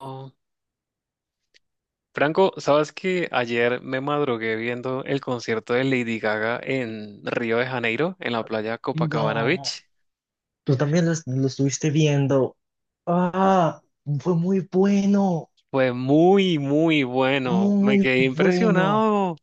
Oh. Franco, ¿sabes que ayer me madrugué viendo el concierto de Lady Gaga en Río de Janeiro, en la playa Copacabana No, Beach? tú también lo estuviste viendo. Ah, fue muy bueno, Fue muy, muy bueno. Me muy quedé bueno. impresionado.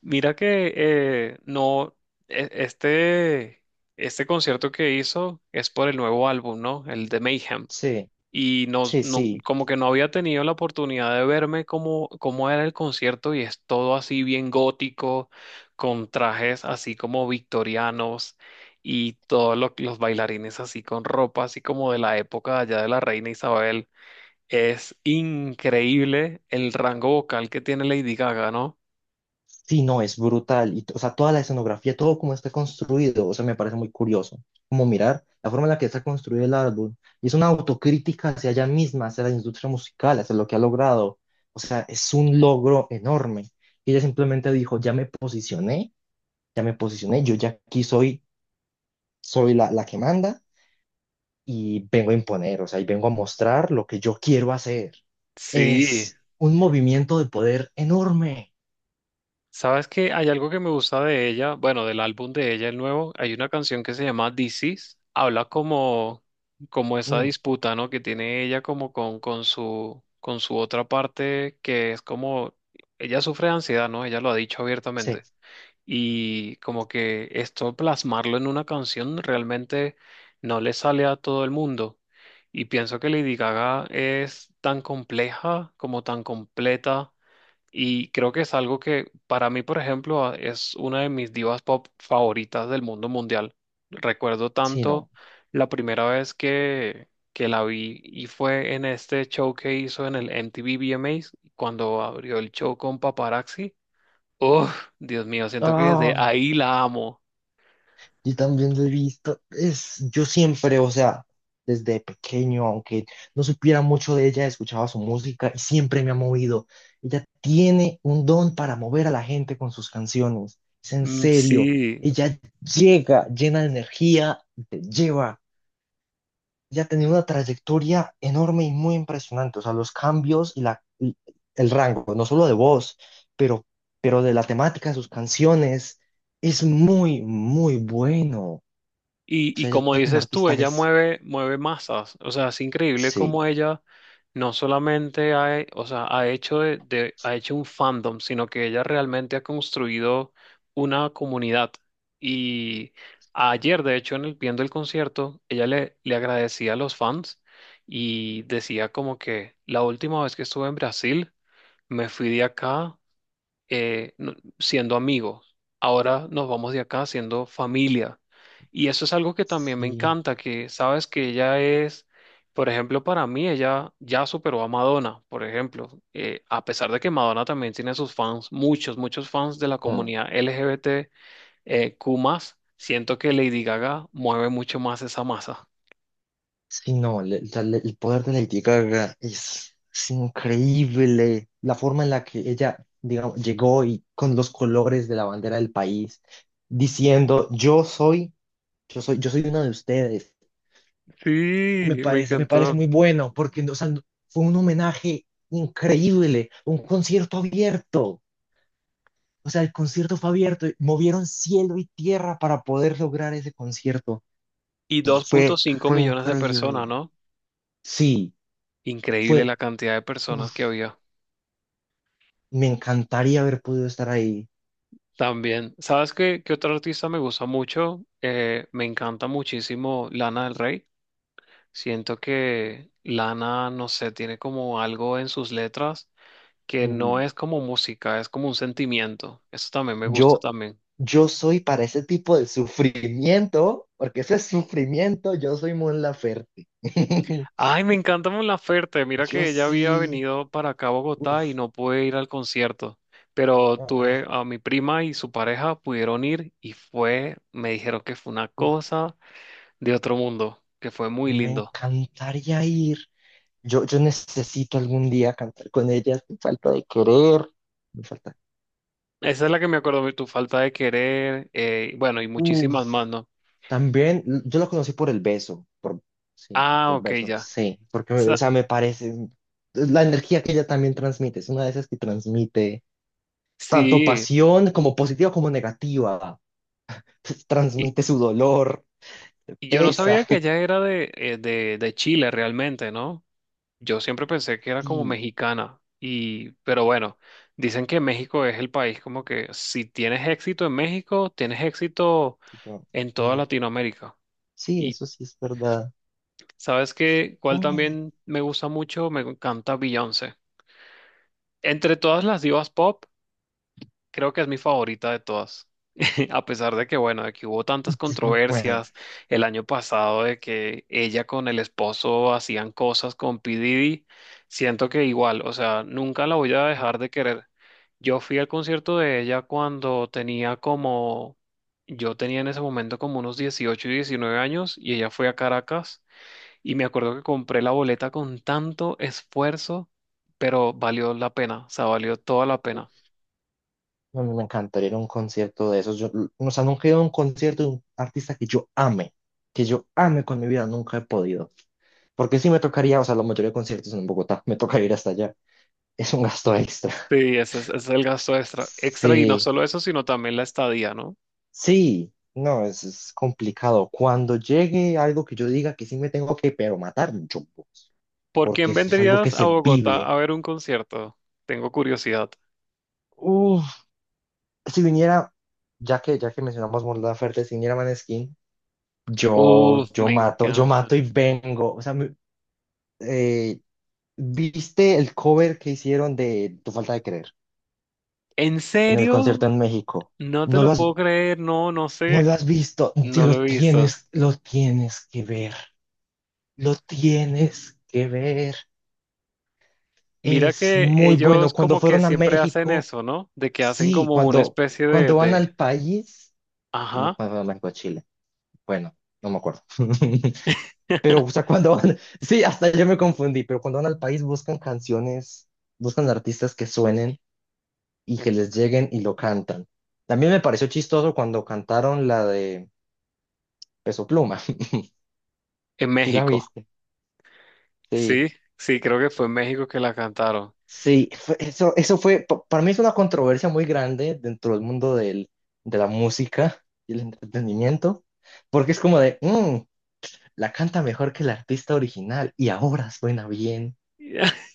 Mira que no, este, este concierto que hizo es por el nuevo álbum, ¿no? El de Mayhem. Sí, Y sí, sí. como que no había tenido la oportunidad de verme cómo, cómo era el concierto y es todo así bien gótico, con trajes así como victorianos y todos los bailarines así con ropa así como de la época allá de la reina Isabel. Es increíble el rango vocal que tiene Lady Gaga, ¿no? Sí, no, es brutal. O sea, toda la escenografía, todo como está construido, o sea, me parece muy curioso. Como mirar la forma en la que está construido el álbum. Y es una autocrítica hacia ella misma, hacia la industria musical, hacia lo que ha logrado. O sea, es un logro enorme. Y ella simplemente dijo, ya me posicioné, yo ya aquí soy, soy la que manda y vengo a imponer, o sea, y vengo a mostrar lo que yo quiero hacer. Sí. Es un movimiento de poder enorme. Sabes que hay algo que me gusta de ella, bueno, del álbum de ella, el nuevo, hay una canción que se llama This Is, habla como, como esa Mm, disputa, ¿no? Que tiene ella como con su otra parte, que es como, ella sufre de ansiedad, ¿no? Ella lo ha dicho sí, abiertamente. Y como que esto plasmarlo en una canción realmente no le sale a todo el mundo. Y pienso que Lady Gaga es tan compleja como tan completa y creo que es algo que para mí, por ejemplo, es una de mis divas pop favoritas del mundo mundial. Recuerdo sí, tanto no. la primera vez que la vi y fue en este show que hizo en el MTV VMAs, cuando abrió el show con Paparazzi. Uf, Dios mío, siento que desde Ay, ahí la amo. yo también lo he visto. Es, yo siempre, o sea, desde pequeño, aunque no supiera mucho de ella, escuchaba su música y siempre me ha movido. Ella tiene un don para mover a la gente con sus canciones. Es en Mm. serio. Sí. Ella llega llena de energía, y te lleva. Ya tenía una trayectoria enorme y muy impresionante. O sea, los cambios y la, y el rango, no solo de voz, pero, pero de la temática de sus canciones, es muy, muy bueno. O Y sea, como ella como dices tú, artista ella es, mueve, mueve masas. O sea, es increíble cómo sí, ella no solamente ha, o sea, ha hecho ha hecho un fandom, sino que ella realmente ha construido una comunidad. Y ayer, de hecho, en el, viendo el concierto, ella le, le agradecía a los fans y decía como que la última vez que estuve en Brasil, me fui de acá siendo amigos. Ahora nos vamos de acá siendo familia. Y eso es algo que también me sí, encanta, que sabes que ella es, por ejemplo, para mí ella ya superó a Madonna, por ejemplo. A pesar de que Madonna también tiene sus fans, muchos, muchos fans de la mm, comunidad LGBT, Q+, más, siento que Lady Gaga mueve mucho más esa masa. sí, no, el poder de Lady Gaga es increíble. La forma en la que ella, digamos, llegó y con los colores de la bandera del país, diciendo, yo soy... Yo soy, yo soy una de ustedes. Me Sí, me parece, me parece encantó. muy bueno, porque o sea, fue un homenaje increíble, un concierto abierto. O sea, el concierto fue abierto, y movieron cielo y tierra para poder lograr ese concierto. Y Y fue, 2.5 fue millones de personas, increíble. ¿no? Sí, Increíble fue, la cantidad de uf, personas que había. me encantaría haber podido estar ahí. También, ¿sabes qué, qué otro artista me gusta mucho? Me encanta muchísimo Lana del Rey. Siento que Lana, no sé, tiene como algo en sus letras que no Mm, es como música, es como un sentimiento. Eso también me gusta Yo, también. yo soy para ese tipo de sufrimiento, porque ese es sufrimiento, yo soy Mon Laferte. Ay, me encanta Mon Laferte. Mira Yo que ella había sí, venido para acá a Bogotá y uf, no pude ir al concierto, pero tuve ah, a mi prima y su pareja pudieron ir y fue, me dijeron que fue una uf, cosa de otro mundo, que fue muy me lindo. encantaría ir. Yo necesito algún día cantar con ellas. Me falta de querer. Me falta. Esa es la que me acuerdo, de tu falta de querer, bueno, y muchísimas Uf, más, ¿no? también yo la conocí por el beso. Por, sí, Ah, por el ok, beso. ya. Sí, porque, o Sa- sea, me parece. La energía que ella también transmite. Es una de esas que transmite tanto sí, pasión como positiva como negativa. y, Transmite su dolor. Te y yo no pesa. sabía que ella era de Chile realmente, ¿no? Yo siempre pensé que era como Sí, mexicana, y, pero bueno, dicen que México es el país como que si tienes éxito en México, tienes éxito sí, no, en toda mm, Latinoamérica. sí, Y eso sí es verdad. ¿sabes qué? ¿Cuál Mm, también me gusta mucho? Me encanta Beyoncé. Entre todas las divas pop. Creo que es mi favorita de todas. A pesar de que, bueno, de que hubo tantas es muy buena. controversias el año pasado de que ella con el esposo hacían cosas con P. Diddy, siento que igual, o sea, nunca la voy a dejar de querer. Yo fui al concierto de ella cuando tenía como, yo tenía en ese momento como unos 18 y 19 años y ella fue a Caracas y me acuerdo que compré la boleta con tanto esfuerzo, pero valió la pena, o sea, valió toda la pena. A mí me encantaría ir a un concierto de esos. Yo, o sea, nunca he ido a un concierto de un artista que yo ame con mi vida, nunca he podido. Porque sí me tocaría, o sea, la mayoría de conciertos son en Bogotá, me toca ir hasta allá. Es un gasto extra. Sí, ese es el gasto extra, extra y no Sí, solo eso, sino también la estadía, ¿no? sí, no, es complicado. Cuando llegue algo que yo diga que sí me tengo que, pero matar, mucho, ¿Por porque quién eso es algo que vendrías a se Bogotá vive. a ver un concierto? Tengo curiosidad. Uf, si viniera, ya que mencionamos Mon Laferte, si viniera Maneskin, yo, Uf, me yo encanta. mato y vengo. O sea, eh, ¿viste el cover que hicieron de Tu Falta de Creer ¿En en el concierto serio? en México? No te No lo lo has, puedo creer, no, no no sé, lo has visto. No lo he visto. Lo tienes que ver. Lo tienes que ver. Mira Es que muy ellos bueno. Cuando como que fueron a siempre hacen México, eso, ¿no? De que hacen sí, como una cuando, especie cuando van de... al país, no Ajá, cuando van a México, a Chile. Bueno, no me acuerdo. Pero, o sea, cuando van, sí, hasta yo me confundí, pero cuando van al país buscan canciones, buscan artistas que suenen y que les lleguen y lo cantan. También me pareció chistoso cuando cantaron la de Peso Pluma. en Sí, la México. viste. Sí, Sí, sí, creo que fue en México que la cantaron. sí, eso, eso fue, para mí es una controversia muy grande dentro del mundo del, de la música y el entretenimiento, porque es como de, "Mm, la canta mejor que el artista original y ahora suena bien,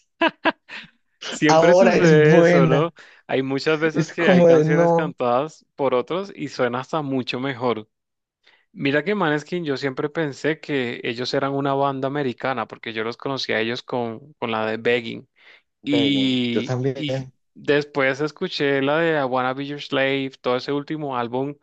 Siempre ahora es sucede eso, ¿no? buena". Hay muchas veces Es que hay como de canciones no. cantadas por otros y suena hasta mucho mejor. Mira que Maneskin, yo siempre pensé que ellos eran una banda americana, porque yo los conocí a ellos con la de Begging. Ve, yo Y también. después escuché la de I Wanna Be Your Slave, todo ese último álbum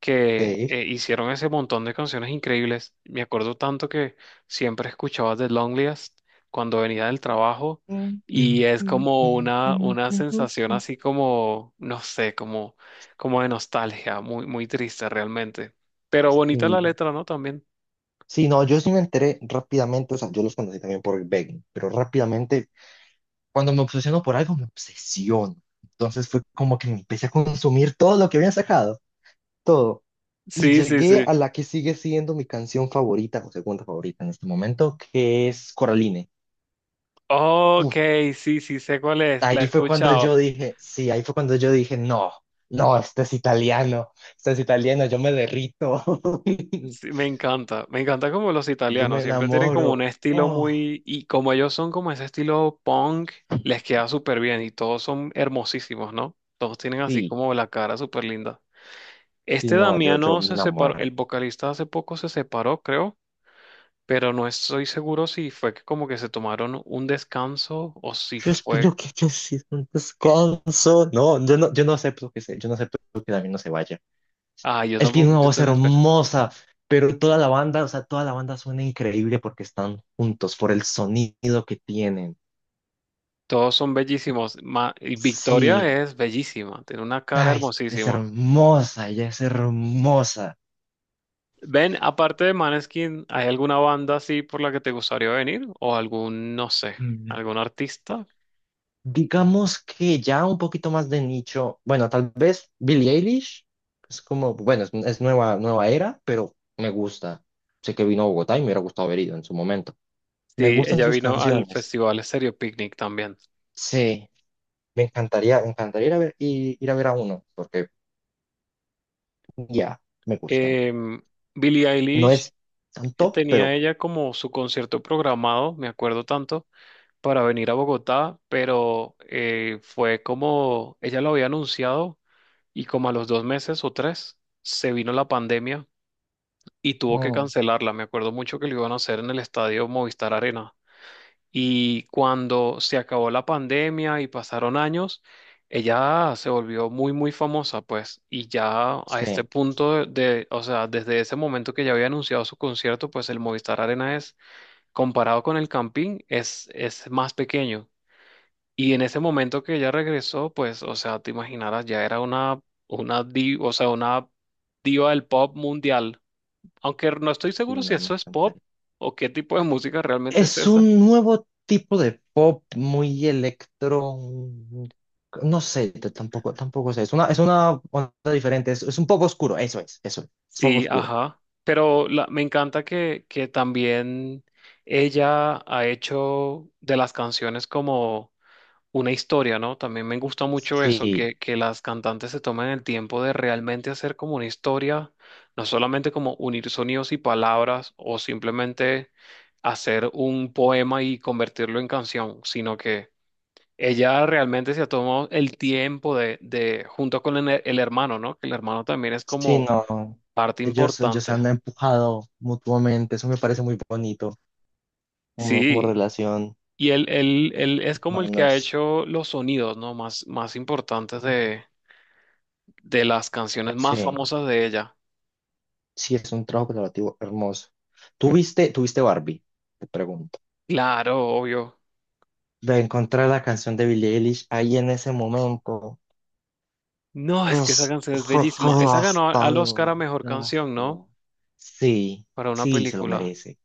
que Sí. Hicieron ese montón de canciones increíbles. Me acuerdo tanto que siempre escuchaba The Loneliest cuando venía del trabajo y es como una sensación así como, no sé, como, como de nostalgia, muy, muy triste realmente. Pero bonita la Sí. letra, ¿no? También. Sí, no, yo sí me enteré rápidamente, o sea, yo los conocí también por Begging, pero rápidamente, cuando me obsesiono por algo, me obsesiono. Entonces fue como que me empecé a consumir todo lo que habían sacado, todo. Y Sí, sí, llegué sí. a la que sigue siendo mi canción favorita o segunda favorita en este momento, que es Coraline. Ok, sí, sí, sé cuál es, la he Ahí fue cuando escuchado. yo dije, sí, ahí fue cuando yo dije, no, no, este es italiano, yo me derrito, Sí, me encanta como los yo italianos me siempre tienen como un enamoro. estilo Oh, muy, y como ellos son como ese estilo punk, les queda súper bien y todos son hermosísimos, ¿no? Todos tienen así sí, como la cara súper linda. sí, Este no, yo Damiano me se separó, el enamoré. vocalista hace poco se separó, creo, pero no estoy seguro si fue que como que se tomaron un descanso o si Yo fue... espero que haya sido un descanso. No, yo no, yo no acepto que se, yo no acepto que David no se vaya. Ah, yo Él tiene tampoco, una yo voz también espero. hermosa, pero toda la banda, o sea, toda la banda suena increíble porque están juntos por el sonido que tienen. Todos son bellísimos. Y Sí. Victoria es bellísima, tiene una cara Ay, es hermosísima. hermosa, ella es hermosa. Ven, aparte de Maneskin, ¿hay alguna banda así por la que te gustaría venir? ¿O algún, no sé, Mm, algún artista? digamos que ya un poquito más de nicho. Bueno, tal vez Billie Eilish es como, bueno, es nueva, nueva era, pero me gusta. Sé que vino a Bogotá y me hubiera gustado haber ido en su momento. Me Sí, gustan ella sus vino al canciones. festival Stereo Picnic también. Sí, me encantaría ir a ver, ir a ver a uno, porque ya, me gusta. Em, Billie No Eilish es tan top, tenía pero ella como su concierto programado, me acuerdo tanto, para venir a Bogotá, pero fue como ella lo había anunciado y como a los dos meses o tres se vino la pandemia y tuvo que mm, cancelarla. Me acuerdo mucho que lo iban a hacer en el estadio Movistar Arena. Y cuando se acabó la pandemia y pasaron años, ella se volvió muy, muy famosa, pues. Y ya a este sí, punto de, o sea, desde ese momento que ya había anunciado su concierto, pues el Movistar Arena es, comparado con el Campín, es más pequeño. Y en ese momento que ella regresó, pues, o sea, te imaginarás, ya era una, o sea, una diva del pop mundial. Aunque no estoy sí, seguro si no, me eso es pop encantaría. o qué tipo de música realmente es Es esa. un nuevo tipo de pop muy electro, un- no sé, tampoco, tampoco sé. Es una onda diferente, es un pop oscuro, eso es pop Sí, oscuro. ajá. Pero me encanta que también ella ha hecho de las canciones como una historia, ¿no? También me gusta mucho eso, Sí, que las cantantes se tomen el tiempo de realmente hacer como una historia, no solamente como unir sonidos y palabras o simplemente hacer un poema y convertirlo en canción, sino que ella realmente se ha tomado el tiempo de junto con el hermano, ¿no? Que el hermano también es sí, como no. parte Ellos se importante. han empujado mutuamente, eso me parece muy bonito, como, como Sí, relación, y él es como el que ha hermanos. hecho los sonidos, ¿no? Más, más importantes de las canciones más Sí, famosas de ella. sí, es un trabajo colaborativo hermoso. ¿Tú viste? ¿Tuviste, viste Barbie? Te pregunto. Claro, obvio. De encontrar la canción de Billie Eilish ahí en ese momento. No, es que esa Es, canción es fue, fue bellísima. Esa ganó al Oscar devastador, a mejor canción, ¿no? devastador. Sí, Para una sí, se lo película. merece,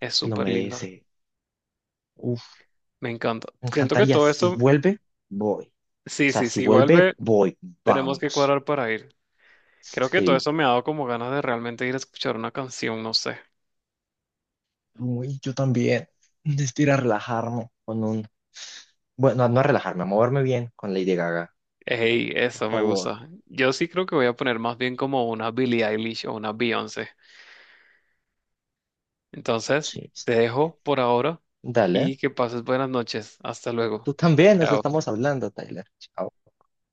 Es se lo súper linda. merece. Uf, Me encanta. me Siento que encantaría. todo Si esto, vuelve, voy. O sí, sea, sí, si sí, vuelve, vuelve, voy, tenemos que vamos. cuadrar para ir. Creo que todo Sí. eso me ha dado como ganas de realmente ir a escuchar una canción, no sé. Uy, yo también. Necesito ir a relajarme con un... Bueno, no a relajarme, a moverme bien con Lady Gaga. Hey, Por eso me favor. gusta. Yo sí creo que voy a poner más bien como una Billie Eilish o una Beyoncé. Entonces, Sí, te está. dejo por ahora Dale. y que pases buenas noches. Hasta luego. Tú también, nos Chao. estamos hablando, Tyler. Chao.